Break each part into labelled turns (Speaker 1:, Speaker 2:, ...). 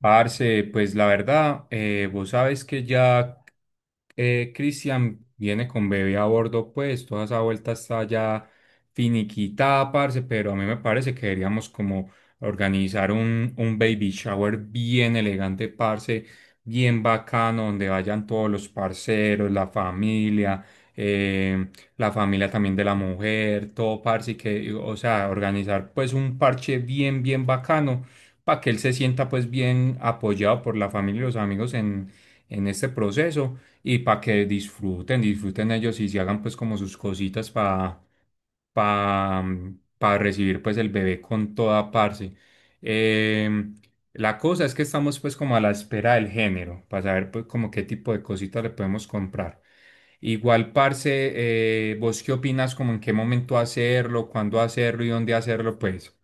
Speaker 1: Parce, pues la verdad, vos sabes que ya, Cristian viene con bebé a bordo, pues toda esa vuelta está ya finiquitada, parce, pero a mí me parece que deberíamos como organizar un baby shower bien elegante, parce, bien bacano, donde vayan todos los parceros, eh, la familia también de la mujer, todo, parce, y que, o sea, organizar pues un parche bien, bien bacano, para que él se sienta pues bien apoyado por la familia y los amigos en este proceso, y para que disfruten ellos y se hagan pues como sus cositas pa, para recibir pues el bebé con toda parte. La cosa es que estamos pues como a la espera del género, para saber pues como qué tipo de cositas le podemos comprar. Igual, parce, ¿vos qué opinas como en qué momento hacerlo, cuándo hacerlo y dónde hacerlo? Pues.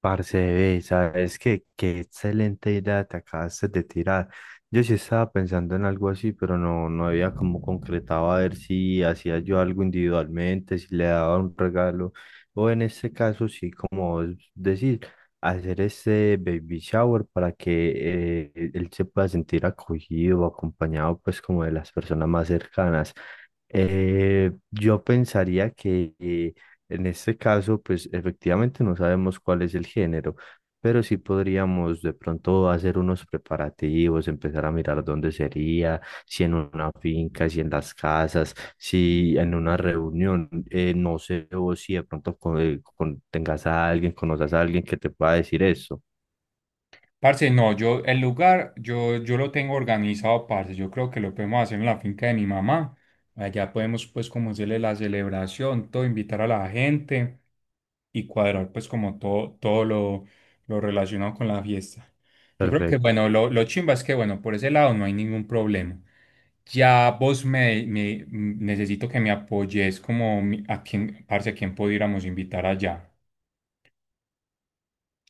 Speaker 2: Parce, ve, sabes que qué qué excelente idea te acabaste de tirar. Yo sí estaba pensando en algo así, pero no había como concretado a ver si hacía yo algo individualmente, si le daba un regalo, o en este caso, sí, como decir, hacer ese baby shower para que él se pueda sentir acogido o acompañado, pues, como de las personas más cercanas. Yo pensaría que en este caso, pues efectivamente no sabemos cuál es el género, pero sí podríamos de pronto hacer unos preparativos, empezar a mirar dónde sería, si en una finca, si en las casas, si en una reunión, no sé, o si de pronto tengas a alguien, conozcas a alguien que te pueda decir eso.
Speaker 1: Parce, no, yo el lugar, yo lo tengo organizado, parce. Yo creo que lo podemos hacer en la finca de mi mamá. Allá podemos, pues, como hacerle la celebración, todo, invitar a la gente y cuadrar, pues, como todo lo relacionado con la fiesta. Yo creo que,
Speaker 2: Perfecto.
Speaker 1: bueno, lo chimba es que, bueno, por ese lado no hay ningún problema. Ya vos necesito que me apoyes como a quién, parce, a quién pudiéramos invitar allá.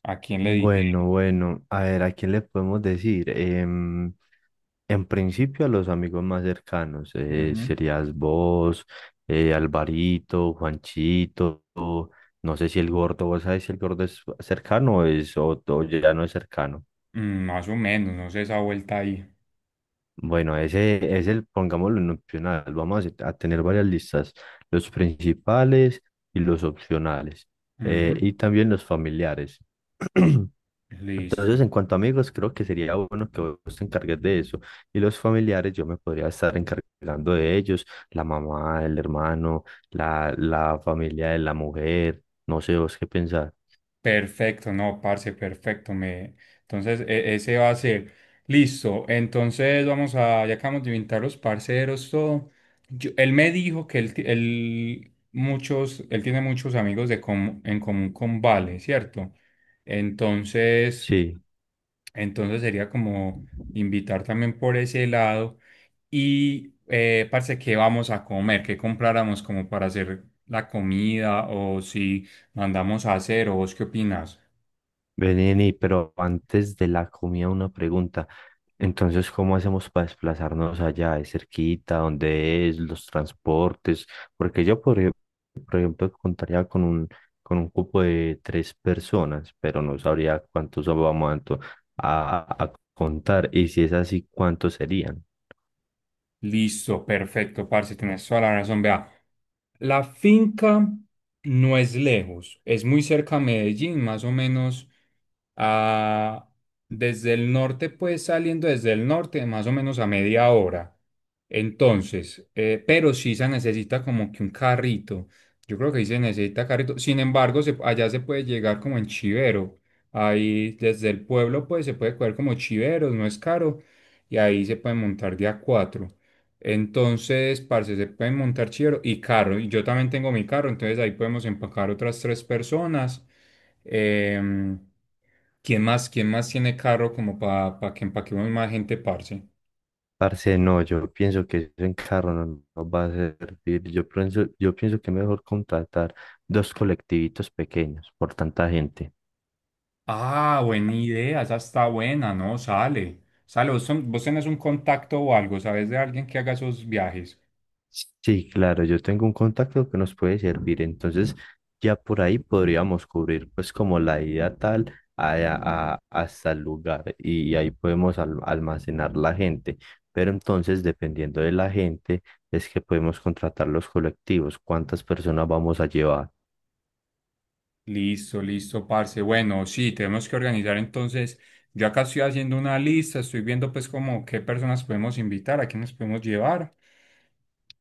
Speaker 1: A quién le dije.
Speaker 2: Bueno, bueno, a ver, ¿a quién le podemos decir? En principio a los amigos más cercanos,
Speaker 1: Ujú.
Speaker 2: serías vos, Alvarito, Juanchito, no sé si el gordo, vos sabés si el gordo es cercano o o ya no es cercano.
Speaker 1: Más o menos, no sé esa vuelta ahí.
Speaker 2: Bueno, ese es el, pongámoslo en opcional, vamos a tener varias listas, los principales y los opcionales,
Speaker 1: Ujú.
Speaker 2: y también los familiares. Entonces, en
Speaker 1: Listo.
Speaker 2: cuanto a amigos, creo que sería bueno que vos te encargues de eso. Y los familiares, yo me podría estar encargando de ellos, la mamá, el hermano, la familia de la mujer, no sé vos qué pensar.
Speaker 1: Perfecto, no, parce, perfecto. Me... Entonces, ese va a ser. Listo. Entonces, ya acabamos de inventar los parceros, todo. Él me dijo que él tiene muchos amigos en común con Vale, ¿cierto? Entonces,
Speaker 2: Sí,
Speaker 1: sería como invitar también por ese lado. Y parce, ¿qué vamos a comer? ¿Qué compráramos como para hacer la comida? O si mandamos a hacer, ¿o vos qué opinas?
Speaker 2: vení, pero antes de la comida una pregunta. Entonces, ¿cómo hacemos para desplazarnos allá? ¿Es cerquita? ¿Dónde es? ¿Los transportes? Porque yo, por, por ejemplo, con un cupo de tres personas, pero no sabría cuántos vamos a contar. Y si es así, ¿cuántos serían?
Speaker 1: Listo, perfecto, parce, tienes toda la razón. Vea, la finca no es lejos, es muy cerca a Medellín, más o menos a- desde el norte, pues saliendo desde el norte, más o menos a media hora. Entonces, pero sí se necesita como que un carrito. Yo creo que ahí se necesita carrito. Sin embargo, allá se puede llegar como en Chivero. Ahí desde el pueblo, pues se puede coger como Chiveros, no es caro. Y ahí se puede montar de a cuatro. Entonces, parce, se pueden montar chivero y carro. Y yo también tengo mi carro, entonces ahí podemos empacar otras tres personas. Em, ¿quién más tiene carro como para que empaquemos más gente, parce?
Speaker 2: Parce, no, yo pienso que eso en carro no nos va a servir. Yo pienso que es mejor contratar dos colectivitos pequeños por tanta gente.
Speaker 1: Ah, buena idea, esa está buena, ¿no? Sale. Sale, vos, vos tenés un contacto o algo, ¿sabes de alguien que haga esos viajes?
Speaker 2: Sí, claro, yo tengo un contacto que nos puede servir, entonces ya por ahí podríamos cubrir pues como la ida hasta el lugar y ahí podemos almacenar la gente, pero entonces dependiendo de la gente es que podemos contratar los colectivos, cuántas personas vamos a llevar.
Speaker 1: Listo, listo, parce. Bueno, sí, tenemos que organizar entonces. Yo acá estoy haciendo una lista, estoy viendo pues como qué personas podemos invitar, a quiénes podemos llevar.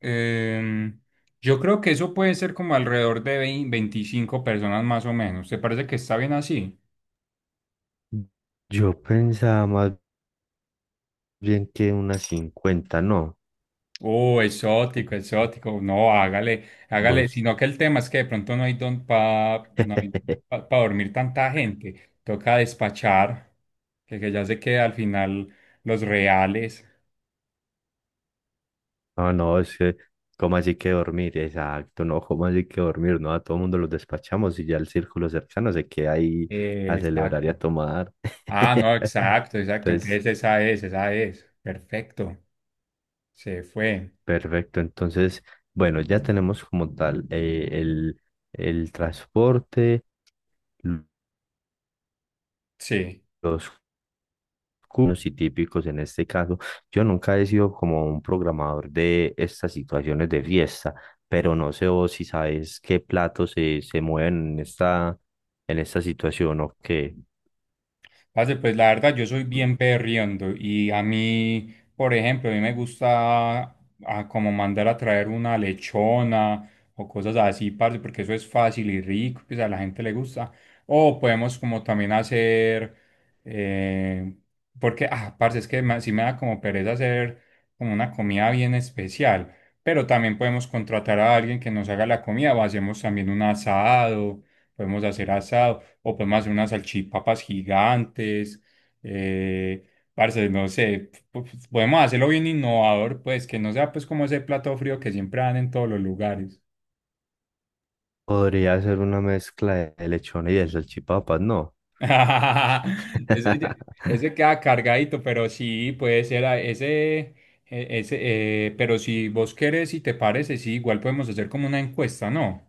Speaker 1: Em, yo creo que eso puede ser como alrededor de 20 25 personas más o menos. ¿Te parece que está bien así?
Speaker 2: Yo pensaba más bien que unas 50, ¿no?
Speaker 1: Oh, exótico, exótico. No, hágale, hágale.
Speaker 2: Vos.
Speaker 1: Sino que el tema es que de pronto no hay pa dormir tanta gente. Toca despachar, que ya se queda al final los reales.
Speaker 2: No, no, Es que, ¿cómo así que dormir? Exacto, no, ¿cómo así que dormir? No, a todo el mundo los despachamos y ya el círculo cercano se queda ahí a celebrar y
Speaker 1: Exacto.
Speaker 2: a tomar.
Speaker 1: Ah, no, exacto, exacto.
Speaker 2: Entonces,
Speaker 1: Entonces esa es, esa es. Perfecto. Se fue.
Speaker 2: perfecto. Entonces, bueno, ya tenemos como tal el transporte, l-
Speaker 1: Sí.
Speaker 2: los comunes y típicos en este caso. Yo nunca he sido como un programador de estas situaciones de fiesta, pero no sé vos si sabes qué platos se mueven en esta situación o qué.
Speaker 1: Parce, pues la verdad, yo soy bien perriondo y a mí, por ejemplo, a mí me gusta como mandar a traer una lechona o cosas así, parce, porque eso es fácil y rico, pues a la gente le gusta. O podemos como también hacer, eh, porque, parce, es que sí me da como pereza hacer como una comida bien especial, pero también podemos contratar a alguien que nos haga la comida o hacemos también un asado, podemos hacer asado. O podemos hacer unas salchipapas gigantes. Eh, parce, no sé, podemos hacerlo bien innovador, pues que no sea pues como ese plato frío que siempre dan en todos los lugares.
Speaker 2: Podría ser una mezcla de lechona y de salchipapas, ¿no?
Speaker 1: Ese, ya- ese queda cargadito, pero sí, puede ser ese pero si vos querés y te parece, sí, igual podemos hacer como una encuesta, ¿no?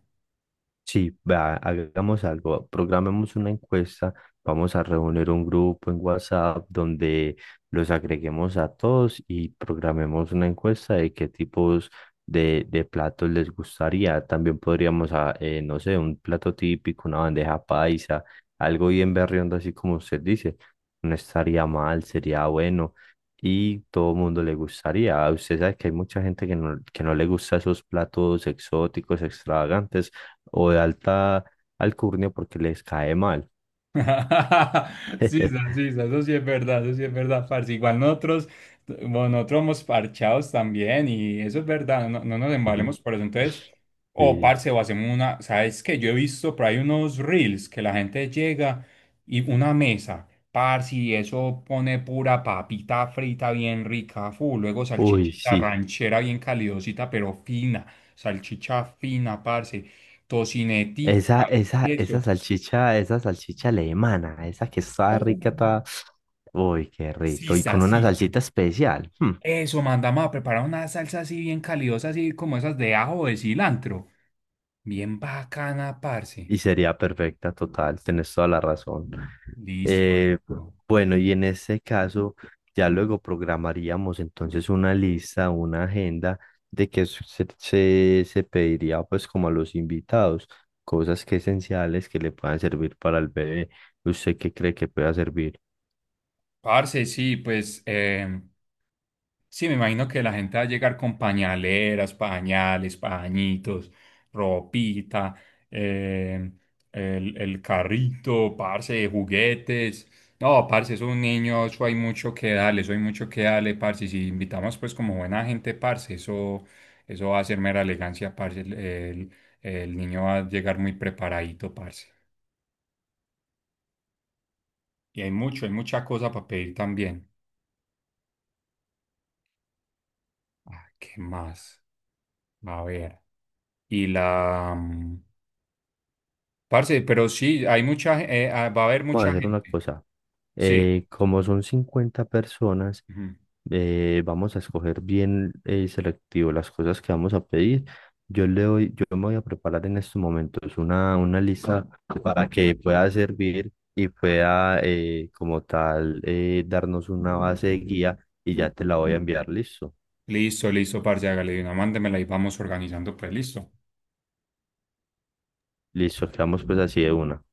Speaker 2: Sí, vea, hagamos algo, programemos una encuesta, vamos a reunir un grupo en WhatsApp donde los agreguemos a todos y programemos una encuesta de qué tipos de platos les gustaría. También podríamos, ah, no sé, un plato típico, una bandeja paisa, algo bien berriondo, así como usted dice. No estaría mal, sería bueno y todo el mundo le gustaría. Usted sabe que hay mucha gente que no le gusta esos platos exóticos, extravagantes o de alta alcurnia porque les cae mal.
Speaker 1: Sí, sí, eso sí es verdad, eso sí es verdad, parce. Igual nosotros, bueno, nosotros somos parchados también y eso es verdad, no, no nos embalemos por eso. Entonces, o
Speaker 2: Sí.
Speaker 1: parce, o hacemos una, ¿sabes qué? Yo he visto por ahí unos reels que la gente llega y una mesa, parce, y eso pone pura papita frita bien rica, full, luego
Speaker 2: Uy,
Speaker 1: salchichita
Speaker 2: sí.
Speaker 1: ranchera bien calidosita, pero fina, salchicha fina, parce, tocinetica, queso.
Speaker 2: Esa salchicha, esa salchicha alemana, esa que está rica, está... Uy, qué rico. Y
Speaker 1: Sisa,
Speaker 2: con una
Speaker 1: sisa.
Speaker 2: salsita especial. Hmm.
Speaker 1: Eso, mandamos a preparar una salsa así bien calidosa, así como esas de ajo o de cilantro. Bien bacana,
Speaker 2: Y
Speaker 1: parce.
Speaker 2: sería perfecta, total, tienes toda la razón.
Speaker 1: Listo.
Speaker 2: Eh, bueno, y en ese caso, ya luego programaríamos entonces una lista, una agenda de se pediría pues como a los invitados, cosas que esenciales que le puedan servir para el bebé. ¿Usted qué cree que pueda servir?
Speaker 1: Parce, sí, pues. Sí, me imagino que la gente va a llegar con pañaleras, pañales, pañitos, ropita, eh, el carrito, parce, juguetes. No, parce, es un niño, eso hay mucho que darle, eso hay mucho que darle, parce. Y si invitamos pues como buena gente, parce, eso va a ser mera elegancia, parce. El niño va a llegar muy preparadito, parce. Y hay mucha cosa para pedir también. Ah, ¿qué más? A ver. Y la... mm, Parce, pero sí, hay mucha, va a haber
Speaker 2: Vamos a
Speaker 1: mucha
Speaker 2: hacer una
Speaker 1: gente.
Speaker 2: cosa.
Speaker 1: Sí.
Speaker 2: Como son 50 personas,
Speaker 1: Ujú.
Speaker 2: vamos a escoger bien selectivo las cosas que vamos a pedir. Yo me voy a preparar en estos momentos una lista para que pueda servir y pueda, como tal, darnos una base de guía y ya te la voy a enviar. Listo.
Speaker 1: Listo, listo, parce, hágale de una, mándemela y vamos organizando, pues listo.
Speaker 2: Listo, quedamos pues así de una.